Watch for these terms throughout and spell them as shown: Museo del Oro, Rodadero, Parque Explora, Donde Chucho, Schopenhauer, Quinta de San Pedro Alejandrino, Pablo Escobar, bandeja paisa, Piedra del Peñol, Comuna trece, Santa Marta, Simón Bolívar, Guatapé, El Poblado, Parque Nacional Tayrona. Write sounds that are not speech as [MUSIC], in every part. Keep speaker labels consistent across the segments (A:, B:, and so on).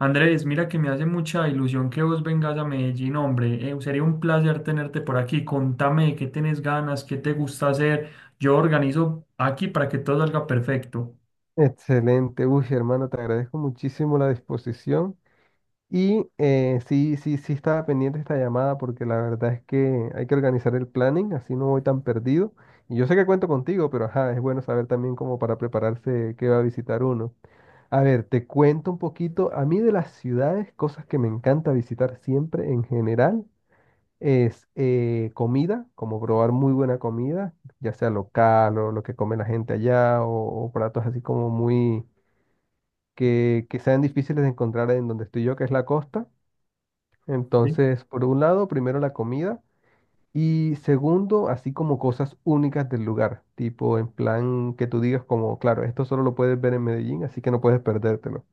A: Andrés, mira que me hace mucha ilusión que vos vengas a Medellín, hombre. Sería un placer tenerte por aquí. Contame de qué tenés ganas, qué te gusta hacer. Yo organizo aquí para que todo salga perfecto.
B: Excelente, uy, hermano, te agradezco muchísimo la disposición. Y sí, sí, sí estaba pendiente esta llamada porque la verdad es que hay que organizar el planning, así no voy tan perdido. Y yo sé que cuento contigo, pero ajá, es bueno saber también como para prepararse qué va a visitar uno. A ver, te cuento un poquito, a mí de las ciudades, cosas que me encanta visitar siempre en general, es comida, como probar muy buena comida, ya sea local o lo que come la gente allá o platos así como muy que sean difíciles de encontrar en donde estoy yo, que es la costa.
A: Sí.
B: Entonces, por un lado, primero la comida y segundo, así como cosas únicas del lugar, tipo en plan que tú digas como, claro, esto solo lo puedes ver en Medellín, así que no puedes perdértelo.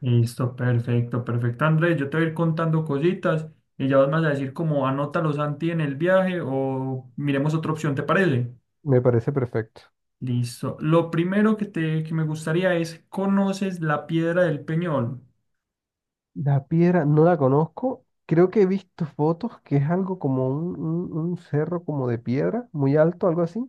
A: Listo, perfecto, perfecto, Andrés. Yo te voy a ir contando cositas y ya vos me vas a decir como anótalo Santi en el viaje o miremos otra opción, ¿te parece?
B: Me parece perfecto.
A: Listo. Lo primero que me gustaría es, ¿conoces la Piedra del Peñol?
B: La piedra no la conozco. Creo que he visto fotos que es algo como un cerro como de piedra, muy alto, algo así.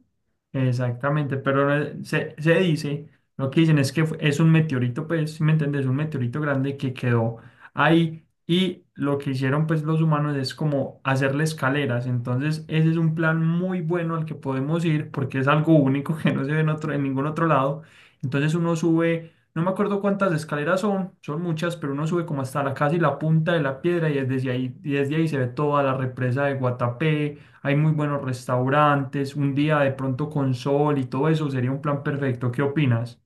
A: Exactamente, pero se dice, lo que dicen es que es un meteorito, pues, si me entiendes, un meteorito grande que quedó ahí, y lo que hicieron pues los humanos es como hacerle escaleras. Entonces ese es un plan muy bueno al que podemos ir, porque es algo único que no se ve en ningún otro lado. Entonces uno sube, no me acuerdo cuántas escaleras son, son muchas, pero uno sube como hasta la casi la punta de la piedra, y desde ahí se ve toda la represa de Guatapé. Hay muy buenos restaurantes, un día de pronto con sol y todo eso sería un plan perfecto. ¿Qué opinas?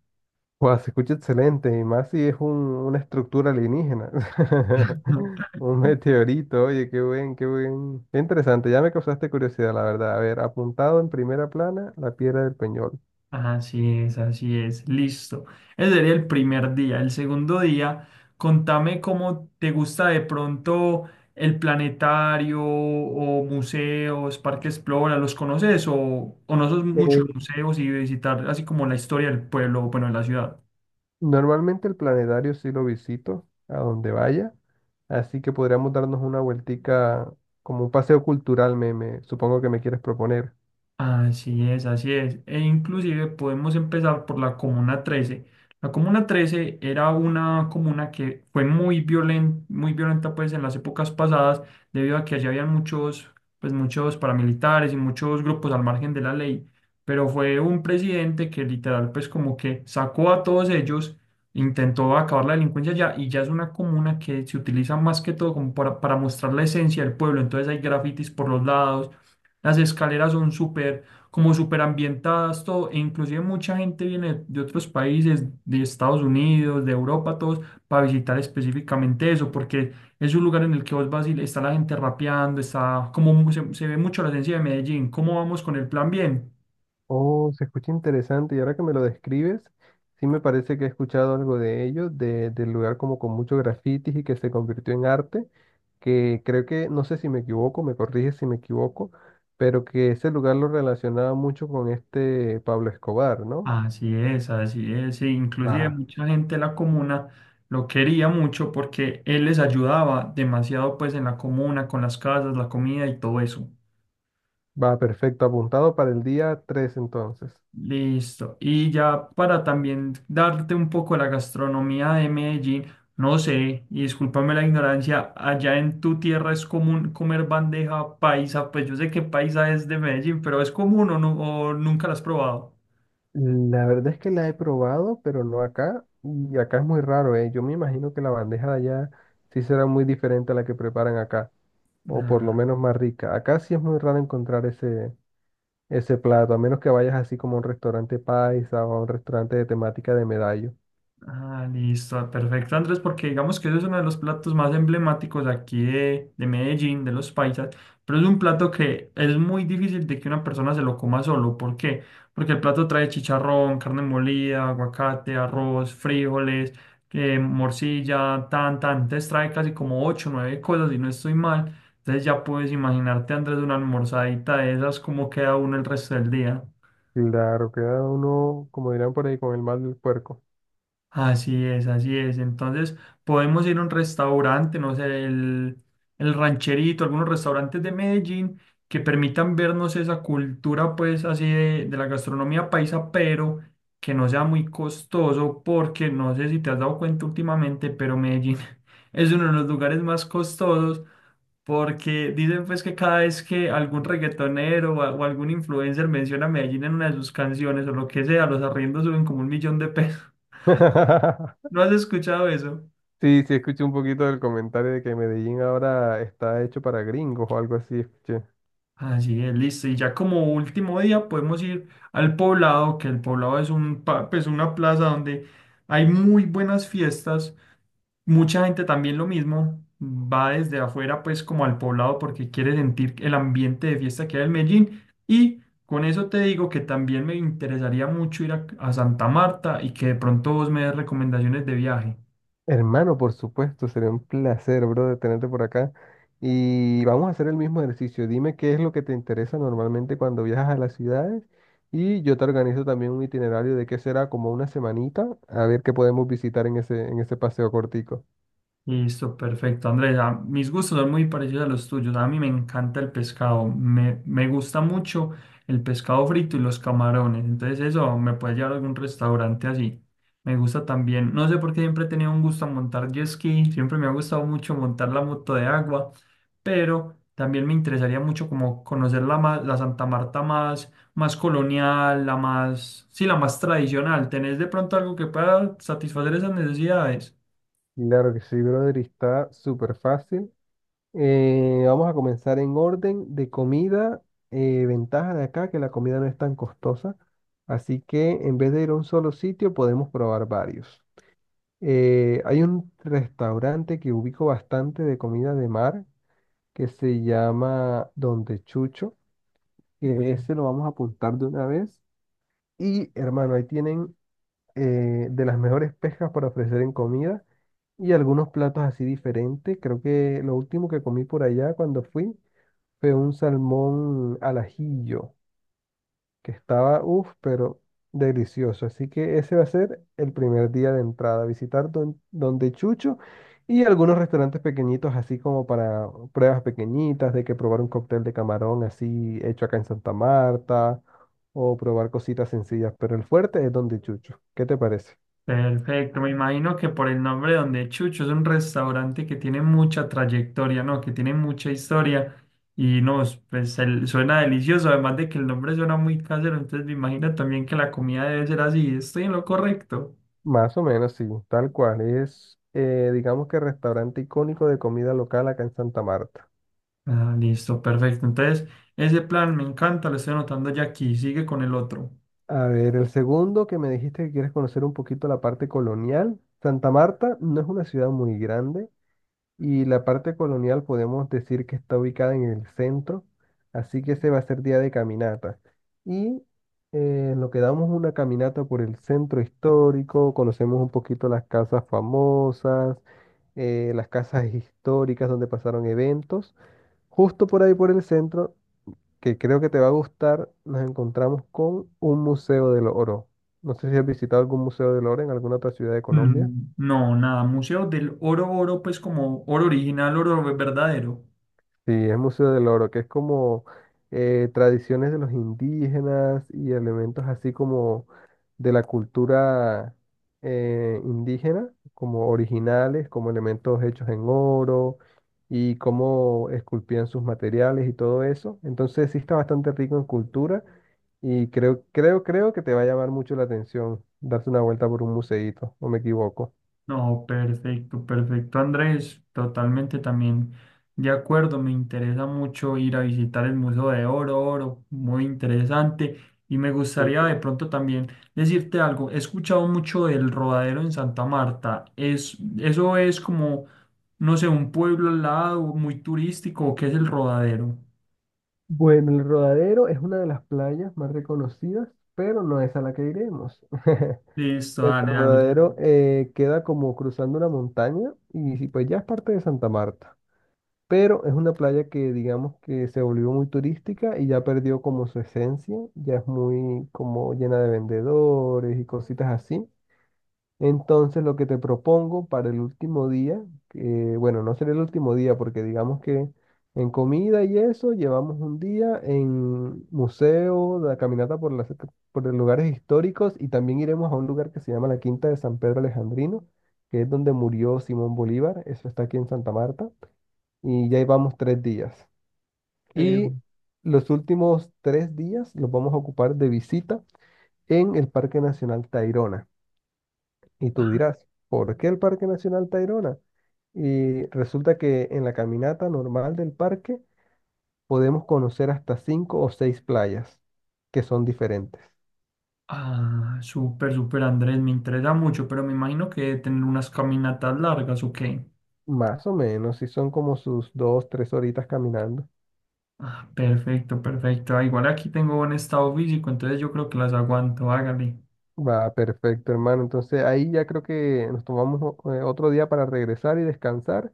B: Guau, se escucha excelente, y más si es una estructura alienígena. [LAUGHS]
A: [LAUGHS]
B: Un meteorito, oye, qué buen, qué buen. Qué interesante, ya me causaste curiosidad, la verdad. A ver, apuntado en primera plana, la Piedra del Peñol.
A: Así es, listo. Ese sería el primer día. El segundo día, contame cómo te gusta de pronto el planetario o museos, Parque Explora, ¿los conoces, o no sos mucho de
B: Eh,
A: museos y visitar así como la historia del pueblo, bueno, de la ciudad?
B: Normalmente el planetario sí lo visito a donde vaya, así que podríamos darnos una vueltica como un paseo cultural, supongo que me quieres proponer.
A: Así es, así es. E inclusive podemos empezar por la Comuna 13. La Comuna trece era una comuna que fue muy violenta pues en las épocas pasadas, debido a que allí habían muchos paramilitares y muchos grupos al margen de la ley. Pero fue un presidente que literal pues como que sacó a todos ellos, intentó acabar la delincuencia ya, y ya es una comuna que se utiliza más que todo como para mostrar la esencia del pueblo. Entonces hay grafitis por los lados, las escaleras son súper ambientadas, todo. E inclusive mucha gente viene de otros países, de Estados Unidos, de Europa, todos, para visitar específicamente eso, porque es un lugar en el que vos vas y está la gente rapeando, está como se ve mucho la esencia de Medellín. ¿Cómo vamos con el plan? Bien.
B: Oh, se escucha interesante y ahora que me lo describes, sí me parece que he escuchado algo de ello, del lugar como con muchos grafitis y que se convirtió en arte, que creo que, no sé si me equivoco, me corrige si me equivoco, pero que ese lugar lo relacionaba mucho con este Pablo Escobar, ¿no?
A: Así es, así es. Sí, inclusive
B: Va,
A: mucha gente de la comuna lo quería mucho porque él les ayudaba demasiado pues en la comuna, con las casas, la comida y todo eso.
B: va, perfecto, apuntado para el día 3 entonces.
A: Listo. Y ya para también darte un poco la gastronomía de Medellín, no sé, y discúlpame la ignorancia, allá en tu tierra es común comer bandeja paisa, pues yo sé que paisa es de Medellín, pero ¿es común, o no, o nunca la has probado?
B: La verdad es que la he probado, pero no acá, y acá es muy raro, ¿eh? Yo me imagino que la bandeja de allá sí será muy diferente a la que preparan acá, o por lo
A: Ah.
B: menos más rica. Acá sí es muy raro encontrar ese plato, a menos que vayas así como a un restaurante paisa o a un restaurante de temática de medallo.
A: Ah, listo, perfecto, Andrés, porque digamos que eso es uno de los platos más emblemáticos aquí de Medellín, de los paisas, pero es un plato que es muy difícil de que una persona se lo coma solo. ¿Por qué? Porque el plato trae chicharrón, carne molida, aguacate, arroz, frijoles, morcilla, tan, tan. Entonces trae casi como ocho, o nueve cosas, y no estoy mal. Entonces ya puedes imaginarte, Andrés, una almorzadita de esas, cómo queda uno el resto del día.
B: Claro, queda uno, como dirán por ahí, con el mal del puerco.
A: Así es, así es. Entonces, podemos ir a un restaurante, no sé, el rancherito, algunos restaurantes de Medellín que permitan vernos esa cultura, pues, así de la gastronomía paisa, pero que no sea muy costoso, porque no sé si te has dado cuenta últimamente, pero Medellín [LAUGHS] es uno de los lugares más costosos. Porque dicen pues que cada vez que algún reggaetonero o, o algún influencer menciona a Medellín en una de sus canciones o lo que sea, los arriendos suben como 1.000.000 de pesos.
B: [LAUGHS]
A: ¿No has escuchado eso?
B: Sí, sí, escuché un poquito del comentario de que Medellín ahora está hecho para gringos o algo así, escuché.
A: Así es, listo. Y ya como último día podemos ir al poblado, que el poblado es pues una plaza donde hay muy buenas fiestas. Mucha gente también lo mismo, va desde afuera pues como al poblado porque quiere sentir el ambiente de fiesta que hay en Medellín. Y con eso te digo que también me interesaría mucho ir a Santa Marta, y que de pronto vos me des recomendaciones de viaje.
B: Hermano, por supuesto, sería un placer, bro, de tenerte por acá. Y vamos a hacer el mismo ejercicio. Dime qué es lo que te interesa normalmente cuando viajas a las ciudades y yo te organizo también un itinerario de qué será como una semanita, a ver qué podemos visitar en ese paseo cortico.
A: Listo, perfecto. Andrea, mis gustos son muy parecidos a los tuyos. A mí me encanta el pescado. Me gusta mucho el pescado frito y los camarones. Entonces eso me puede llevar a algún restaurante así. Me gusta también, no sé por qué siempre he tenido un gusto a montar jet ski. Siempre me ha gustado mucho montar la moto de agua. Pero también me interesaría mucho como conocer la Santa Marta más colonial, la más, sí, la más tradicional. ¿Tenés de pronto algo que pueda satisfacer esas necesidades?
B: Claro que sí, brother, y está súper fácil. Vamos a comenzar en orden de comida. Ventaja de acá que la comida no es tan costosa, así que en vez de ir a un solo sitio podemos probar varios. Hay un restaurante que ubico bastante de comida de mar que se llama Donde Chucho, que ese lo vamos a apuntar de una vez. Y hermano, ahí tienen de las mejores pescas para ofrecer en comida y algunos platos así diferentes. Creo que lo último que comí por allá cuando fui fue un salmón al ajillo, que estaba, uff, pero delicioso. Así que ese va a ser el primer día de entrada, visitar donde Chucho y algunos restaurantes pequeñitos, así como para pruebas pequeñitas, de que probar un cóctel de camarón así hecho acá en Santa Marta, o probar cositas sencillas, pero el fuerte es donde Chucho. ¿Qué te parece?
A: Perfecto, me imagino que por el nombre Donde Chucho es un restaurante que tiene mucha trayectoria, ¿no? Que tiene mucha historia y no, pues suena delicioso, además de que el nombre suena muy casero, entonces me imagino también que la comida debe ser así. ¿Estoy en lo correcto?
B: Más o menos, sí, tal cual. Es, digamos que restaurante icónico de comida local acá en Santa Marta.
A: Ah, listo, perfecto. Entonces, ese plan me encanta, lo estoy anotando ya aquí, sigue con el otro.
B: A ver, el segundo que me dijiste que quieres conocer un poquito la parte colonial. Santa Marta no es una ciudad muy grande y la parte colonial podemos decir que está ubicada en el centro, así que ese va a ser día de caminata. Y lo que damos una caminata por el centro histórico, conocemos un poquito las casas famosas, las casas históricas donde pasaron eventos. Justo por ahí por el centro que creo que te va a gustar, nos encontramos con un museo del oro. No sé si has visitado algún museo del oro en alguna otra ciudad de Colombia.
A: Mm, no, nada, Museo del Oro Oro, pues como oro original, oro verdadero.
B: Sí, es Museo del Oro, que es como tradiciones de los indígenas y elementos así como de la cultura indígena, como originales, como elementos hechos en oro y cómo esculpían sus materiales y todo eso. Entonces sí está bastante rico en cultura y creo que te va a llamar mucho la atención darse una vuelta por un museíto, o me equivoco.
A: No, perfecto, perfecto, Andrés, totalmente también de acuerdo, me interesa mucho ir a visitar el Museo de Oro, Oro, muy interesante, y me gustaría de pronto también decirte algo, he escuchado mucho del Rodadero en Santa Marta, es, eso es como, no sé, un pueblo al lado muy turístico, ¿o qué es el Rodadero?
B: Bueno, el Rodadero es una de las playas más reconocidas, pero no es a la que iremos. [LAUGHS]
A: Listo,
B: El
A: dale, dale.
B: Rodadero queda como cruzando una montaña y sí, pues ya es parte de Santa Marta, pero es una playa que digamos que se volvió muy turística y ya perdió como su esencia, ya es muy como llena de vendedores y cositas así. Entonces, lo que te propongo para el último día, bueno, no será el último día porque digamos que en comida y eso llevamos un día en museo, la caminata por las, por los lugares históricos y también iremos a un lugar que se llama la Quinta de San Pedro Alejandrino, que es donde murió Simón Bolívar, eso está aquí en Santa Marta, y ya llevamos 3 días.
A: Eh,
B: Y los últimos 3 días los vamos a ocupar de visita en el Parque Nacional Tayrona. Y tú dirás, ¿por qué el Parque Nacional Tayrona? Y resulta que en la caminata normal del parque podemos conocer hasta cinco o seis playas que son diferentes.
A: ah, súper, súper, Andrés, me interesa mucho, pero me imagino que debe tener unas caminatas largas, ¿o qué?
B: Más o menos, si son como sus 2, 3 horitas caminando.
A: Ah, perfecto, perfecto. Ah, igual aquí tengo buen estado físico, entonces yo creo que las aguanto. Hágale.
B: Va, perfecto, hermano. Entonces ahí ya creo que nos tomamos otro día para regresar y descansar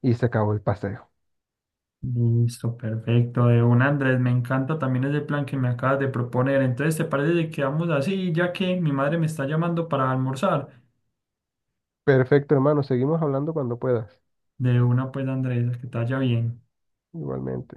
B: y se acabó el paseo.
A: Listo, perfecto. De un Andrés, me encanta también ese plan que me acabas de proponer. Entonces, ¿te parece que quedamos así, ya que mi madre me está llamando para almorzar?
B: Perfecto, hermano. Seguimos hablando cuando puedas.
A: De una, pues, Andrés, que te vaya bien.
B: Igualmente.